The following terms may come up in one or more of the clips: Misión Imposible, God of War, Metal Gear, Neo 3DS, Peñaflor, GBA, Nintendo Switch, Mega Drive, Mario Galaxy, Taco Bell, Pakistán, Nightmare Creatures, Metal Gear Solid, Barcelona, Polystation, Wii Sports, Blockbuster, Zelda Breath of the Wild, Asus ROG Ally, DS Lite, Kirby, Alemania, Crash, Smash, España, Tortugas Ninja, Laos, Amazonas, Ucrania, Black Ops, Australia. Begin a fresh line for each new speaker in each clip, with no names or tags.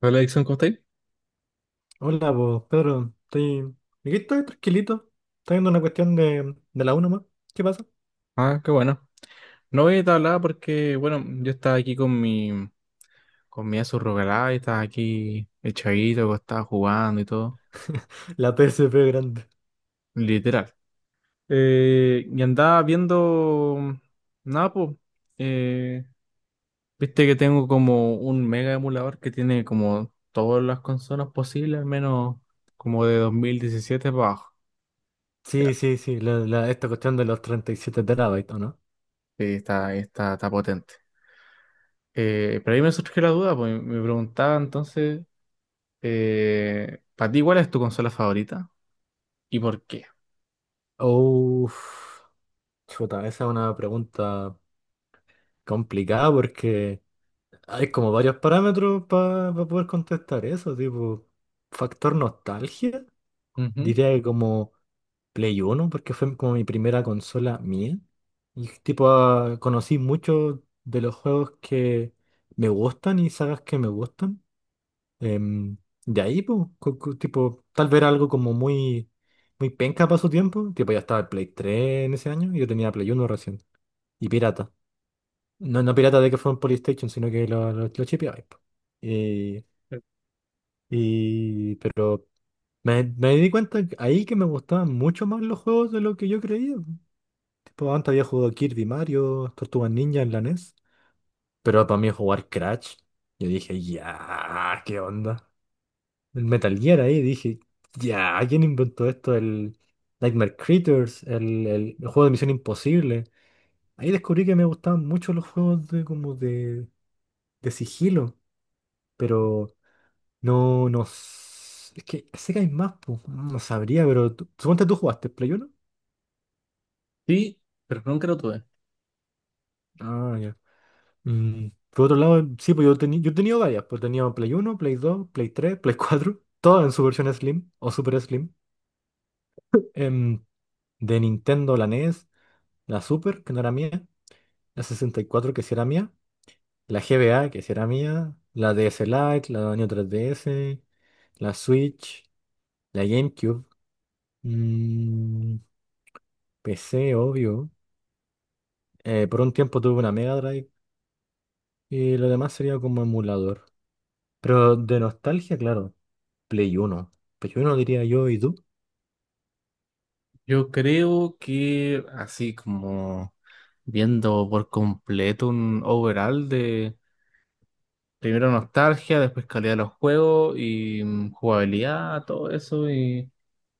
Hola, Dixon, ¿cómo estáis?
Hola, pues, Pedro, aquí estoy tranquilito. Está viendo una cuestión de la 1 más. ¿Qué pasa?
Ah, qué bueno. No voy a hablar porque, bueno, yo estaba aquí con mi Asus ROG Ally, estaba aquí echadito, estaba jugando y todo,
La PSP grande.
literal. Y andaba viendo, nada, pues, eh, viste que tengo como un mega emulador que tiene como todas las consolas posibles, al menos como de 2017 para abajo.
Sí,
Ya,
sí, sí, esta cuestión de los 37 terabytes, ¿o no?
sí, está potente. Pero ahí me surgió la duda, pues me preguntaba entonces... ¿Para ti cuál es tu consola favorita y por qué?
Uff, chuta, esa es una pregunta complicada porque hay como varios parámetros para poder contestar eso, tipo, factor nostalgia,
Ujú.
diría que como Play Uno porque fue como mi primera consola mía. Y tipo, conocí muchos de los juegos que me gustan y sagas que me gustan. Em, de ahí, pues, tipo, tal vez era algo como muy, muy penca para su tiempo. Tipo, ya estaba el Play 3 en ese año y yo tenía Play Uno recién. Y pirata. No, no pirata de que fue un Polystation, sino que lo chipeaba, po. Y, pero me di cuenta ahí que me gustaban mucho más los juegos de lo que yo creía. Tipo, antes había jugado Kirby, Mario, Tortugas Ninja en la NES. Pero para mí jugar Crash, yo dije, ya, ¿qué onda? El Metal Gear ahí, dije, ya, ¿quién inventó esto? El Nightmare Creatures, el juego de Misión Imposible. Ahí descubrí que me gustaban mucho los juegos de, como, de sigilo, pero no, no. Es que sé que hay más, pues, no sabría, pero suponte tú jugaste Play 1.
Sí, pero nunca lo tuve.
Ah, ya. Por otro lado, sí, pues yo, yo he tenido varias. Pues he tenido Play uno, Play dos, Play tres, Play cuatro, todas en su versión Slim o Super Slim. Em, de Nintendo, la NES, la Super, que no era mía, la 64, que sí era mía, la GBA, que sí era mía, la DS Lite, la Neo 3DS, la Switch, la GameCube, mm, PC, obvio. Por un tiempo tuve una Mega Drive y lo demás sería como emulador. Pero de nostalgia, claro. Play 1. Play uno diría yo, ¿y tú?
Yo creo que así como viendo por completo un overall de primero nostalgia, después calidad de los juegos y jugabilidad, todo eso y,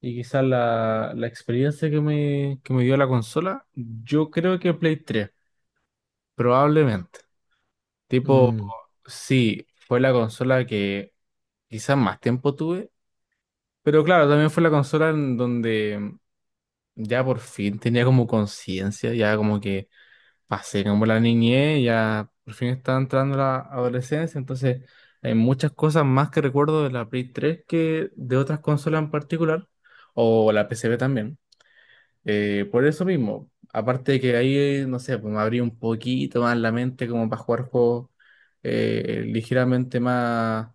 y quizás la experiencia que me dio la consola, yo creo que Play 3, probablemente. Tipo,
Mm,
sí, fue la consola que quizás más tiempo tuve, pero claro, también fue la consola en donde ya por fin tenía como conciencia, ya como que pasé como la niñez, ya por fin estaba entrando la adolescencia, entonces hay muchas cosas más que recuerdo de la Play 3 que de otras consolas en particular, o la PCB también. Por eso mismo, aparte de que ahí, no sé, pues me abrí un poquito más la mente como para jugar juegos ligeramente más,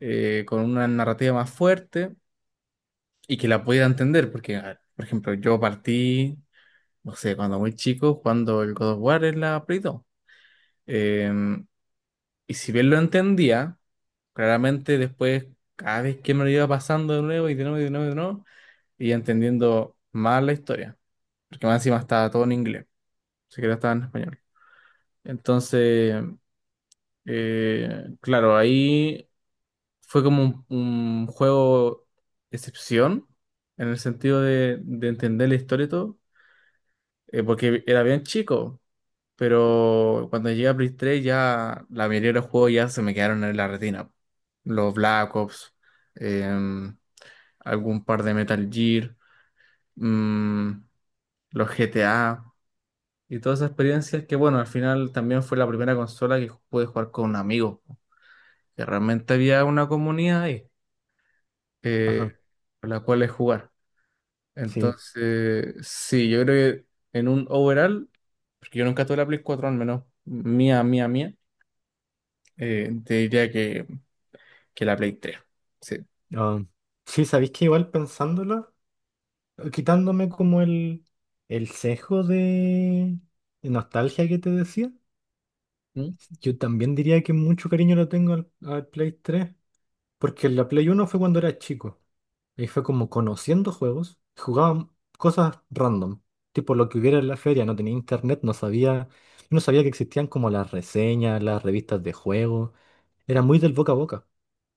con una narrativa más fuerte, y que la pudiera entender, porque, a ver, por ejemplo, yo partí, no sé, cuando muy chico, cuando el God of War en la Play 2. Em, y si bien lo entendía, claramente después, cada vez que me lo iba pasando de nuevo y de nuevo y de nuevo y de nuevo, iba entendiendo más la historia, porque más encima estaba todo en inglés, ni siquiera estaba en español. Entonces, claro, ahí fue como un juego excepción, en el sentido de entender la historia y todo, porque era bien chico, pero cuando llegué a Play 3 ya la mayoría de los juegos ya se me quedaron en la retina. Los Black Ops, em, algún par de Metal Gear, mm, los GTA y todas esas experiencias que, bueno, al final también fue la primera consola que pude jugar con amigos, que realmente había una comunidad ahí, eh,
ajá,
con la cual es jugar.
sí.
Entonces, sí, yo creo que en un overall, porque yo nunca tuve la Play 4 al menos mía, mía, mía, te diría que la Play 3. Sí.
Ah, sí, sabéis que igual pensándolo, quitándome como el sesgo de nostalgia que te decía,
¿Mm?
yo también diría que mucho cariño lo tengo al, al Play 3, porque la Play uno fue cuando era chico. Ahí fue como conociendo juegos, jugaba cosas random, tipo lo que hubiera en la feria, no tenía internet, no sabía, no sabía que existían como las reseñas, las revistas de juegos, era muy del boca a boca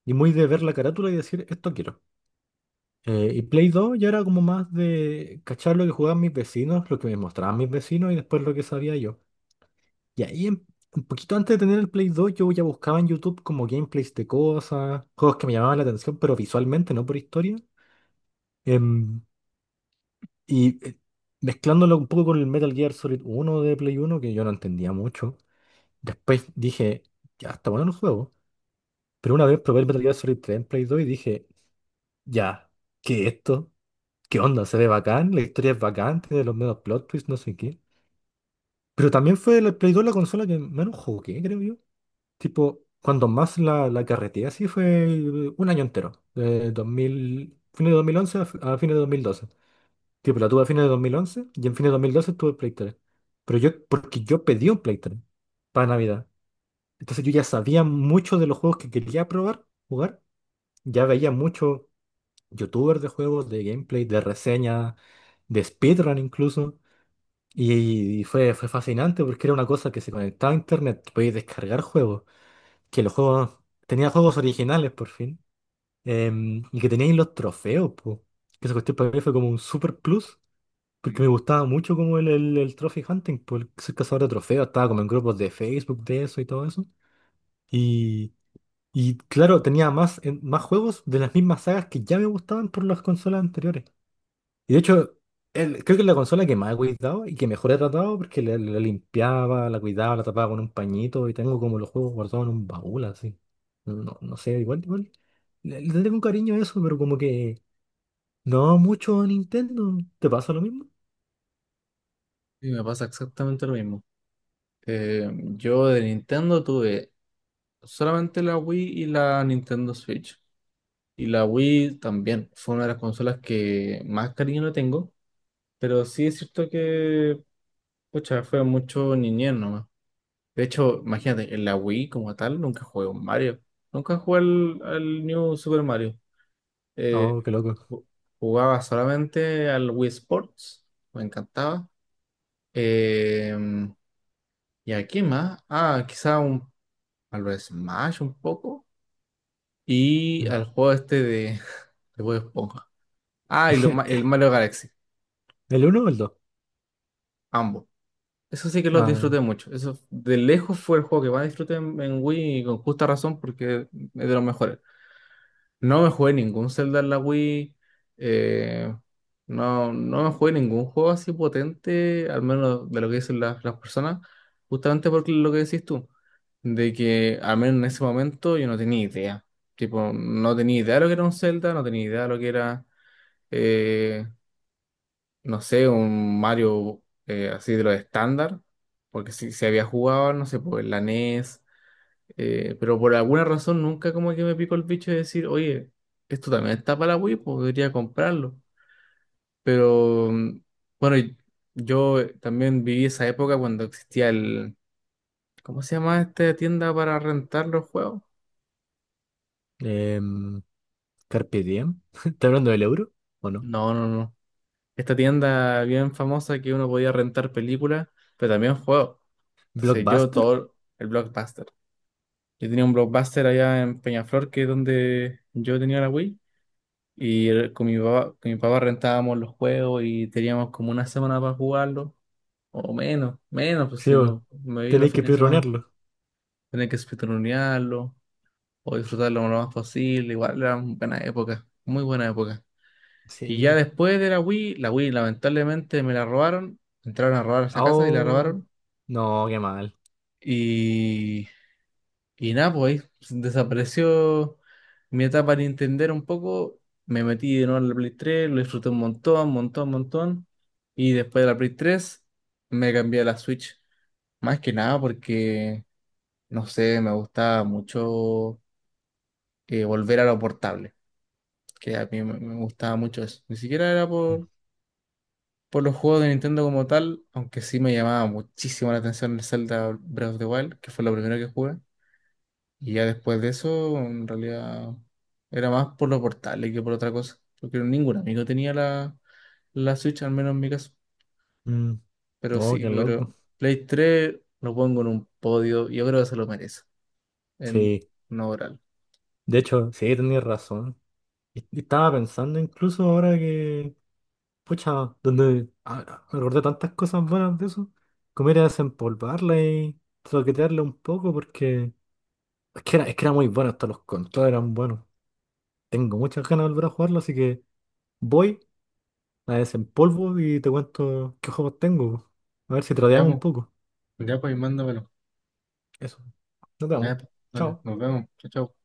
y muy de ver la carátula y decir, esto quiero. Y Play 2 ya era como más de cachar lo que jugaban mis vecinos, lo que me mostraban mis vecinos y después lo que sabía yo. Y ahí, un poquito antes de tener el Play 2, yo ya buscaba en YouTube como gameplays de cosas, juegos que me llamaban la atención, pero visualmente, no por historia. Em, Y mezclándolo un poco con el Metal Gear Solid uno de Play uno, que yo no entendía mucho, después dije, ya, está bueno el juego. Pero una vez probé el Metal Gear Solid tres en Play 2 y dije, ya, ¿qué es esto? ¿Qué onda? Se ve bacán, la historia es bacán, tiene los medios plot twists, no sé qué. Pero también fue el Play 2 la consola que menos jugué, creo yo. Tipo, cuando más la carreteé así fue un año entero, de 2000 fines de 2011 a fines de 2012. Tipo, la tuve a fines de 2011 y en fines de 2012 tuve Play 3. Pero yo, porque yo pedí un Play 3 para Navidad. Entonces yo ya sabía mucho de los juegos que quería probar, jugar. Ya veía mucho youtubers de juegos, de gameplay, de reseñas, de speedrun incluso. Y fue fascinante porque era una cosa que se conectaba a internet, podías descargar juegos, que los juegos, tenía juegos originales por fin, y que teníais los trofeos, po. Que esa cuestión para mí fue como un super plus porque me gustaba mucho como el trophy hunting, por ser cazador de trofeos, estaba como en grupos de Facebook de eso y todo eso. Y, y claro, tenía más, más juegos de las mismas sagas que ya me gustaban por las consolas anteriores. Y de hecho, creo que es la consola que más he cuidado y que mejor he tratado porque la limpiaba, la cuidaba, la tapaba con un pañito y tengo como los juegos guardados en un baúl así. No, no sé, igual, igual. Le tengo un cariño a eso, pero como que no mucho a Nintendo. ¿Te pasa lo mismo?
Y me pasa exactamente lo mismo. Eh, yo de Nintendo tuve solamente la Wii y la Nintendo Switch. Y la Wii también fue una de las consolas que más cariño le tengo, pero sí es cierto que, pucha, fue mucho niñez, ¿no? De hecho, imagínate, en la Wii como tal nunca jugué un Mario. Nunca jugué al New Super Mario. Eh,
Oh, qué loco.
ju- jugaba solamente al Wii Sports. Me encantaba. Eh, ¿y aquí más? Ah, quizá a lo Smash un poco. Y
Mm.
al juego este de, de Bob Esponja. Ah, y el Mario Galaxy.
¿El uno o el dos?
Ambos. Eso sí que los
Ah,
disfruté mucho. Eso de lejos fue el juego que más disfruté en Wii y con justa razón porque es de los mejores. No me jugué ningún Zelda en la Wii. eh, no, no me jugué ningún juego así potente, al menos de lo que dicen las personas, justamente por lo que decís tú, de que al menos en ese momento yo no tenía idea. Tipo, no tenía idea de lo que era un Zelda, no tenía idea de lo que era, eh, no sé, un Mario, así de lo estándar, porque si se había jugado, no sé, pues en la NES, pero por alguna razón nunca como que me picó el bicho de decir, oye, esto también está para Wii, podría comprarlo. Pero bueno, yo, también viví esa época cuando existía el, ¿cómo se llama esta tienda para rentar los juegos?
em, Carpe Diem. ¿Está hablando del euro? ¿O no?
No, no, no. Esta tienda bien famosa que uno podía rentar películas, pero también juegos. Entonces yo
¿Blockbuster?
todo el Blockbuster. Yo tenía un Blockbuster allá en Peñaflor, que es donde yo tenía la Wii. Y con mi papá rentábamos los juegos y teníamos como una semana para jugarlo, o menos, menos, pues
Sí,
si
bo.
no me veía los
Tenéis que
fines de semana.
pirronearlo.
Tenía que espetoronearlo o disfrutarlo lo más posible. Igual era una buena época, muy buena época. Y ya
Sí.
después de la Wii lamentablemente me la robaron, entraron a robar esa casa y la
Oh.
robaron.
No, qué mal.
Y Y nada, pues ahí desapareció mi etapa de entender un poco. Me metí de nuevo en la Play 3, lo disfruté un montón, montón, montón. Y después de la Play 3 me cambié a la Switch. Más que nada porque, no sé, me gustaba mucho, volver a lo portable. Que a mí me gustaba mucho eso. Ni siquiera era por los juegos de Nintendo como tal, aunque sí me llamaba muchísimo la atención el Zelda Breath of the Wild, que fue lo primero que jugué. Y ya después de eso, en realidad, era más por los portales que por otra cosa. Porque ningún amigo tenía la Switch, al menos en mi caso.
Mm.
Pero
Oh,
sí,
qué
yo
loco.
creo, Play 3 lo pongo en un podio. Yo creo que se lo merece, en
Sí.
un oral.
De hecho, sí, tenías razón. Y estaba pensando incluso ahora que... Pucha, donde... me acordé tantas cosas buenas de eso. Comer era desempolvarla y troquetearla un poco porque... es que era muy bueno, hasta los controles eran buenos. Tengo muchas ganas de volver a jugarlo, así que voy, la desempolvo y te cuento qué juegos tengo. A ver si
Ya,
tradeamos un
pues,
poco.
ya, pues, mándamelo.
Eso. Nos vemos.
Ya, pues, dale,
Chao.
nos vemos. Chao, chao.